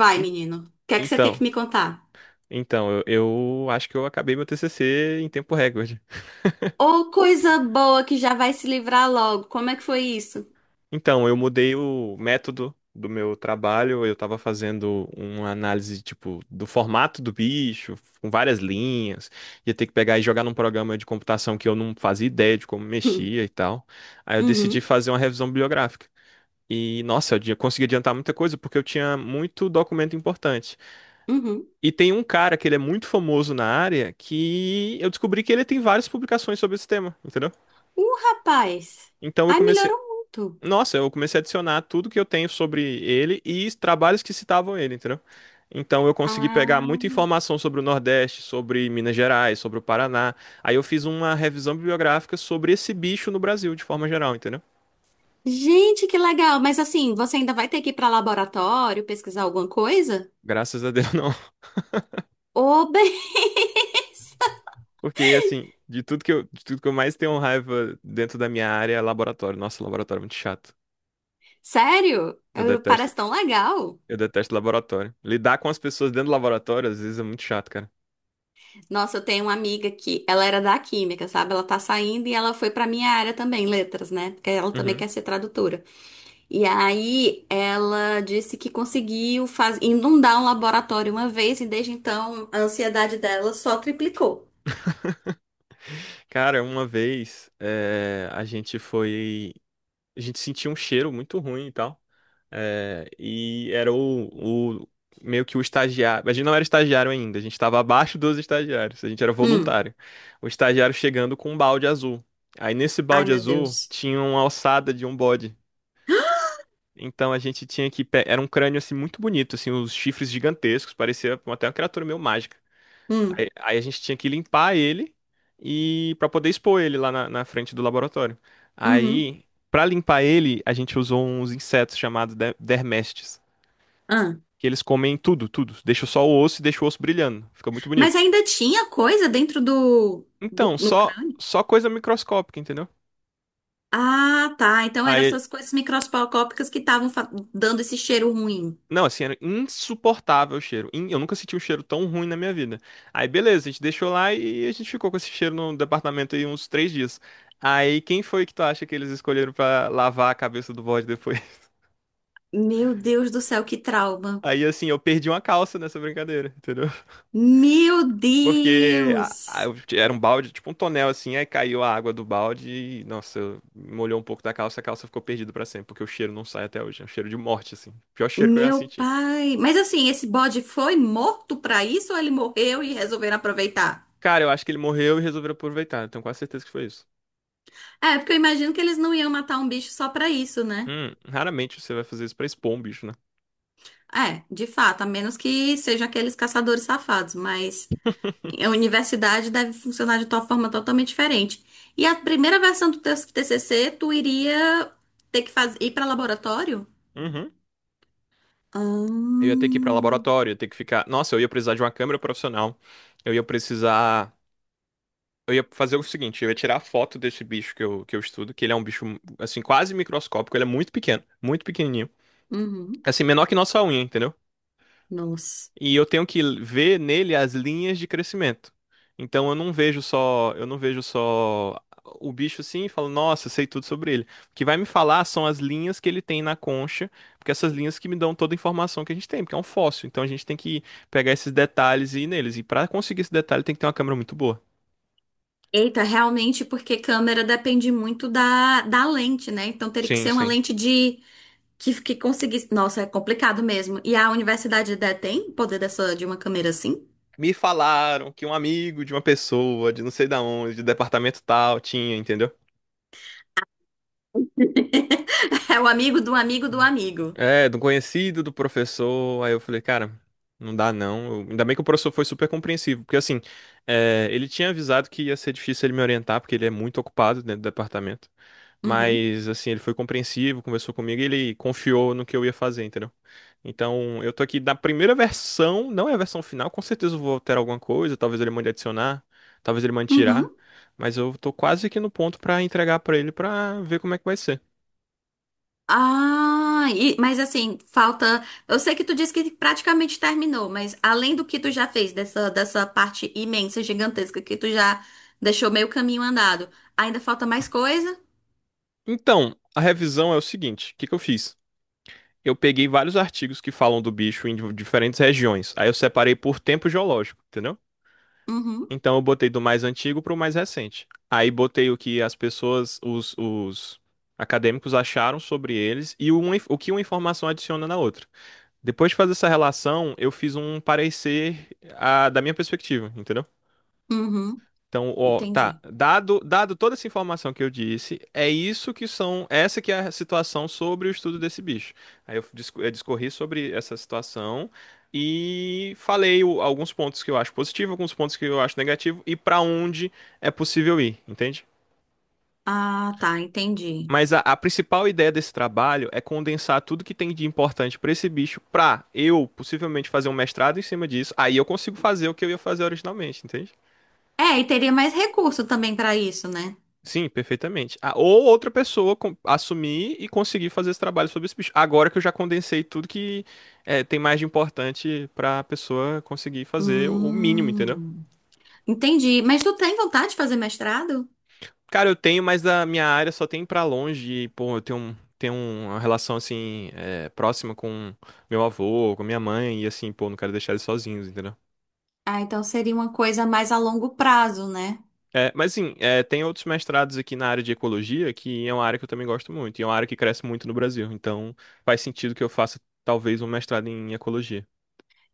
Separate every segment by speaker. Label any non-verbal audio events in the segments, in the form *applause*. Speaker 1: Vai,
Speaker 2: En-
Speaker 1: menino. O que é que você tem que
Speaker 2: Então,
Speaker 1: me contar?
Speaker 2: então, eu acho que eu acabei meu TCC em tempo recorde.
Speaker 1: Ô, coisa boa que já vai se livrar logo. Como é que foi isso?
Speaker 2: Então, eu mudei o método do meu trabalho, eu estava fazendo uma análise tipo do formato do bicho, com várias linhas, ia ter que pegar e jogar num programa de computação que eu não fazia ideia de como
Speaker 1: *laughs* Hum.
Speaker 2: mexia e tal. Aí eu decidi
Speaker 1: Uhum,
Speaker 2: fazer uma revisão bibliográfica. E nossa, consegui adiantar muita coisa porque eu tinha muito documento importante.
Speaker 1: uhum.
Speaker 2: E tem um cara que ele é muito famoso na área que eu descobri que ele tem várias publicações sobre esse tema, entendeu?
Speaker 1: Rapaz.
Speaker 2: Então eu
Speaker 1: Ai,
Speaker 2: comecei.
Speaker 1: melhorou muito.
Speaker 2: Nossa, eu comecei a adicionar tudo que eu tenho sobre ele e trabalhos que citavam ele, entendeu? Então eu consegui pegar
Speaker 1: Ah,
Speaker 2: muita informação sobre o Nordeste, sobre Minas Gerais, sobre o Paraná. Aí eu fiz uma revisão bibliográfica sobre esse bicho no Brasil, de forma geral, entendeu?
Speaker 1: gente, que legal. Mas assim, você ainda vai ter que ir para laboratório pesquisar alguma coisa?
Speaker 2: Graças a Deus não. *laughs*
Speaker 1: Ô, *laughs* bem.
Speaker 2: Porque, assim, de tudo que eu mais tenho raiva dentro da minha área é laboratório. Nossa, laboratório é muito chato.
Speaker 1: Sério?
Speaker 2: Eu detesto.
Speaker 1: Parece tão legal.
Speaker 2: Eu detesto laboratório. Lidar com as pessoas dentro do laboratório, às vezes, é muito chato, cara.
Speaker 1: Nossa, eu tenho uma amiga que ela era da química, sabe? Ela tá saindo e ela foi pra minha área também, letras, né? Porque ela também
Speaker 2: Uhum.
Speaker 1: quer ser tradutora. E aí ela disse que conseguiu inundar um laboratório uma vez e desde então a ansiedade dela só triplicou.
Speaker 2: Cara, uma vez a gente foi. A gente sentiu um cheiro muito ruim e tal. E era meio que o estagiário. A gente não era estagiário ainda, a gente estava abaixo dos estagiários, a gente era
Speaker 1: Hum.
Speaker 2: voluntário. O estagiário chegando com um balde azul. Aí nesse
Speaker 1: Ai,
Speaker 2: balde
Speaker 1: meu
Speaker 2: azul
Speaker 1: Deus.
Speaker 2: tinha uma ossada de um bode. Então a gente tinha que Era um crânio assim muito bonito, assim, os chifres gigantescos, parecia até uma criatura meio mágica.
Speaker 1: Hum.
Speaker 2: Aí a gente tinha que limpar ele e para poder expor ele lá na frente do laboratório.
Speaker 1: Uhum.
Speaker 2: Aí, para limpar ele, a gente usou uns insetos dermestes,
Speaker 1: Ah.
Speaker 2: que eles comem tudo, tudo. Deixa só o osso e deixa o osso brilhando. Fica muito
Speaker 1: Mas
Speaker 2: bonito.
Speaker 1: ainda tinha coisa dentro do
Speaker 2: Então,
Speaker 1: no
Speaker 2: só
Speaker 1: crânio?
Speaker 2: só coisa microscópica, entendeu?
Speaker 1: Ah, tá. Então eram
Speaker 2: Aí
Speaker 1: essas coisas microscópicas que estavam dando esse cheiro ruim.
Speaker 2: Não, assim, era insuportável o cheiro. Eu nunca senti um cheiro tão ruim na minha vida. Aí, beleza, a gente deixou lá e a gente ficou com esse cheiro no departamento aí uns três dias. Aí, quem foi que tu acha que eles escolheram pra lavar a cabeça do bode depois? *laughs*
Speaker 1: Meu Deus do céu, que trauma.
Speaker 2: Aí, assim, eu perdi uma calça nessa brincadeira, entendeu? *laughs*
Speaker 1: Meu
Speaker 2: Porque a-
Speaker 1: Deus!
Speaker 2: eu- Era um balde, tipo um tonel, assim, aí caiu a água do balde e, nossa, molhou um pouco da calça, a calça ficou perdida pra sempre, porque o cheiro não sai até hoje. É um cheiro de morte, assim. Pior cheiro que eu já
Speaker 1: Meu
Speaker 2: senti.
Speaker 1: pai. Mas assim, esse bode foi morto pra isso ou ele morreu e resolveram aproveitar?
Speaker 2: Cara, eu acho que ele morreu e resolveram aproveitar. Tenho quase certeza que foi isso.
Speaker 1: É, porque eu imagino que eles não iam matar um bicho só pra isso, né?
Speaker 2: Raramente você vai fazer isso pra expor um bicho, né?
Speaker 1: É, de fato, a menos que sejam aqueles caçadores safados, mas a universidade deve funcionar de uma forma totalmente diferente. E a primeira versão do teu TCC, tu iria ter que ir pra laboratório?
Speaker 2: Uhum.
Speaker 1: Ah,
Speaker 2: Eu ia ter que ir pra laboratório, ia ter que ficar. Nossa, eu ia precisar de uma câmera profissional. Eu ia precisar. Eu ia fazer o seguinte: eu ia tirar a foto desse bicho que eu estudo, que ele é um bicho, assim, quase microscópico. Ele é muito pequeno, muito pequenininho.
Speaker 1: uhum.
Speaker 2: Assim, menor que nossa unha, entendeu?
Speaker 1: Nossa.
Speaker 2: E eu tenho que ver nele as linhas de crescimento. Então eu não vejo só o bicho assim e falo, nossa, sei tudo sobre ele. O que vai me falar são as linhas que ele tem na concha, porque essas linhas que me dão toda a informação que a gente tem, porque é um fóssil. Então a gente tem que pegar esses detalhes e ir neles. E para conseguir esse detalhe tem que ter uma câmera muito boa.
Speaker 1: Eita, realmente, porque câmera depende muito da lente, né? Então teria que
Speaker 2: Sim,
Speaker 1: ser uma
Speaker 2: sim.
Speaker 1: lente de que conseguisse. Nossa, é complicado mesmo. E a universidade tem poder dessa de uma câmera assim?
Speaker 2: Me falaram que um amigo de uma pessoa, de não sei da onde, de departamento tal, tinha, entendeu?
Speaker 1: *laughs* É o amigo do amigo do amigo.
Speaker 2: É, do conhecido, do professor. Aí eu falei, cara, não dá não. Ainda bem que o professor foi super compreensivo, porque assim, é, ele tinha avisado que ia ser difícil ele me orientar, porque ele é muito ocupado dentro do departamento.
Speaker 1: Uhum.
Speaker 2: Mas assim, ele foi compreensivo, conversou comigo e ele confiou no que eu ia fazer, entendeu? Então, eu tô aqui da primeira versão, não é a versão final, com certeza eu vou alterar alguma coisa, talvez ele mande adicionar, talvez ele mande tirar,
Speaker 1: Uhum.
Speaker 2: mas eu tô quase aqui no ponto pra entregar pra ele pra ver como é que vai ser.
Speaker 1: Ah, mas assim, falta. Eu sei que tu disse que praticamente terminou, mas além do que tu já fez, dessa parte imensa, gigantesca, que tu já deixou meio caminho andado, ainda falta mais coisa?
Speaker 2: Então, a revisão é o seguinte: o que que eu fiz? Eu peguei vários artigos que falam do bicho em diferentes regiões. Aí eu separei por tempo geológico, entendeu?
Speaker 1: Uhum.
Speaker 2: Então eu botei do mais antigo para o mais recente. Aí botei o que os acadêmicos acharam sobre eles e o que uma informação adiciona na outra. Depois de fazer essa relação, eu fiz um parecer, ah, da minha perspectiva, entendeu?
Speaker 1: Uhum.
Speaker 2: Então, ó, tá.
Speaker 1: Entendi.
Speaker 2: Dado toda essa informação que eu disse, essa que é a situação sobre o estudo desse bicho. Eu discorri sobre essa situação e falei alguns pontos que eu acho positivo, alguns pontos que eu acho negativo e para onde é possível ir, entende?
Speaker 1: Ah, tá, entendi.
Speaker 2: Mas a principal ideia desse trabalho é condensar tudo que tem de importante para esse bicho, para eu possivelmente fazer um mestrado em cima disso. Aí eu consigo fazer o que eu ia fazer originalmente, entende?
Speaker 1: É, e teria mais recurso também para isso, né?
Speaker 2: Sim, perfeitamente. Ah, ou outra pessoa assumir e conseguir fazer esse trabalho sobre esse bicho. Agora que eu já condensei tudo que é, tem mais de importante pra pessoa conseguir fazer o mínimo, entendeu?
Speaker 1: Hum, entendi. Mas tu tem vontade de fazer mestrado?
Speaker 2: Cara, eu tenho, mas da minha área só tem pra longe. E, pô, eu tenho uma relação, assim, é, próxima com meu avô, com minha mãe. E, assim, pô, não quero deixar eles sozinhos, entendeu?
Speaker 1: Ah, então seria uma coisa mais a longo prazo, né?
Speaker 2: É, mas sim, é, tem outros mestrados aqui na área de ecologia, que é uma área que eu também gosto muito, e é uma área que cresce muito no Brasil. Então, faz sentido que eu faça talvez um mestrado em ecologia.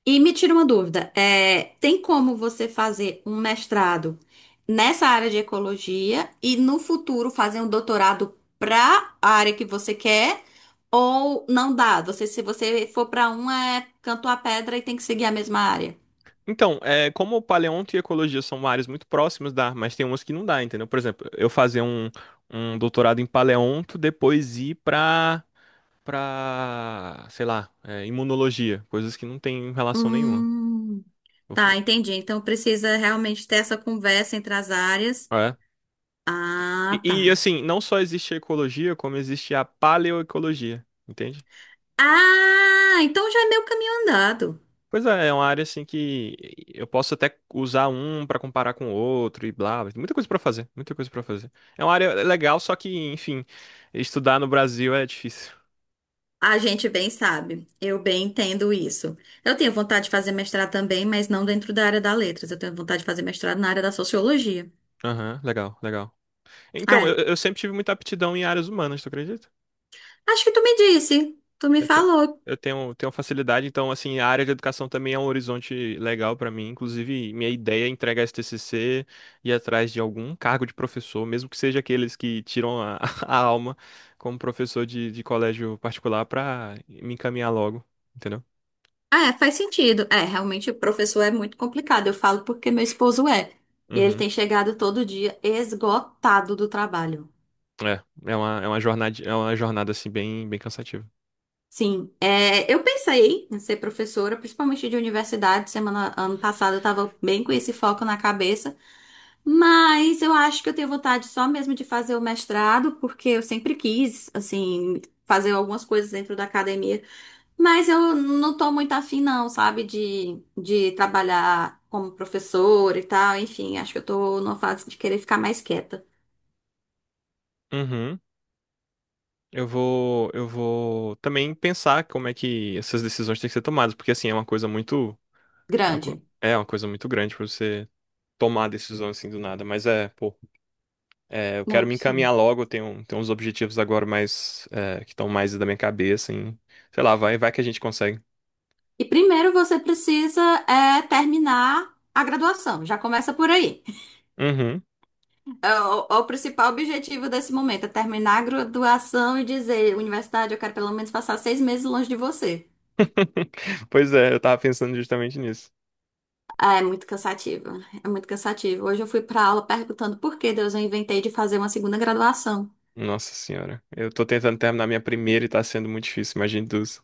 Speaker 1: E me tira uma dúvida, tem como você fazer um mestrado nessa área de ecologia e no futuro fazer um doutorado para a área que você quer? Ou não dá? Você, se você for para um, é canto a pedra e tem que seguir a mesma área?
Speaker 2: Então, é, como paleonto e ecologia são áreas muito próximas, dá, mas tem umas que não dá, entendeu? Por exemplo, eu fazer um doutorado em paleonto, depois ir pra sei lá, é, imunologia, coisas que não tem relação nenhuma.
Speaker 1: Hum.
Speaker 2: Eu
Speaker 1: Tá,
Speaker 2: fu-
Speaker 1: entendi. Então precisa realmente ter essa conversa entre as áreas.
Speaker 2: É.
Speaker 1: Ah,
Speaker 2: E, e
Speaker 1: tá.
Speaker 2: assim, não só existe a ecologia, como existe a paleoecologia, entende?
Speaker 1: Ah, então já é meio caminho andado.
Speaker 2: Pois é, é uma área assim que eu posso até usar um pra comparar com o outro e blá, blá. Muita coisa pra fazer, muita coisa pra fazer. É uma área legal, só que, enfim, estudar no Brasil é difícil.
Speaker 1: A gente bem sabe. Eu bem entendo isso. Eu tenho vontade de fazer mestrado também, mas não dentro da área da letras. Eu tenho vontade de fazer mestrado na área da sociologia.
Speaker 2: Aham, legal, legal. Então,
Speaker 1: É.
Speaker 2: eu sempre tive muita aptidão em áreas humanas, tu acredita?
Speaker 1: Acho que tu me disse. Tu me
Speaker 2: Eu tenho,
Speaker 1: falou.
Speaker 2: eu tenho facilidade, então, assim, a área de educação também é um horizonte legal para mim. Inclusive, minha ideia é entregar esse TCC e ir atrás de algum cargo de professor, mesmo que seja aqueles que tiram a, *laughs* a alma como professor de colégio particular, para me encaminhar logo, entendeu?
Speaker 1: Ah, é, faz sentido. É, realmente o professor é muito complicado. Eu falo porque meu esposo é. E ele
Speaker 2: Uhum.
Speaker 1: tem chegado todo dia esgotado do trabalho.
Speaker 2: É, é uma jornada, assim, bem, bem cansativa.
Speaker 1: Sim, é, eu pensei em ser professora, principalmente de universidade. Semana, ano passado eu estava bem com esse foco na cabeça, mas eu acho que eu tenho vontade só mesmo de fazer o mestrado, porque eu sempre quis, assim, fazer algumas coisas dentro da academia, mas eu não tô muito afim, não, sabe, de trabalhar como professora e tal. Enfim, acho que eu tô numa fase de querer ficar mais quieta.
Speaker 2: Uhum. Eu vou também pensar como é que essas decisões têm que ser tomadas, porque, assim, é uma coisa muito...
Speaker 1: Grande.
Speaker 2: É uma coisa muito grande para você tomar a decisão assim do nada. Mas é, pô, é, eu quero
Speaker 1: Não,
Speaker 2: me encaminhar
Speaker 1: sim.
Speaker 2: logo. Tenho uns objetivos agora mais, é, que estão mais da minha cabeça. Em, sei lá, vai que a gente consegue.
Speaker 1: E primeiro você precisa terminar a graduação, já começa por aí.
Speaker 2: Uhum.
Speaker 1: É o principal objetivo desse momento é terminar a graduação e dizer, universidade, eu quero pelo menos passar 6 meses longe de você.
Speaker 2: *laughs* Pois é, eu tava pensando justamente nisso.
Speaker 1: É muito cansativo, é muito cansativo. Hoje eu fui pra aula perguntando por que Deus eu inventei de fazer uma segunda graduação.
Speaker 2: Nossa senhora, eu tô tentando terminar minha primeira e tá sendo muito difícil, imagine duas.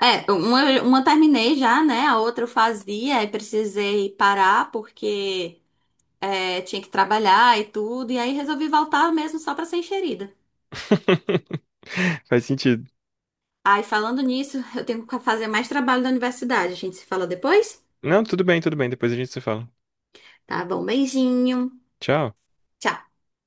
Speaker 1: É, uma eu terminei já, né? A outra eu fazia e precisei parar porque tinha que trabalhar e tudo. E aí resolvi voltar mesmo só para ser enxerida.
Speaker 2: *laughs* Faz sentido.
Speaker 1: Ai, falando nisso, eu tenho que fazer mais trabalho da universidade. A gente se fala depois?
Speaker 2: Não, tudo bem, depois a gente se fala.
Speaker 1: Tá bom, beijinho.
Speaker 2: Tchau.
Speaker 1: Tchau.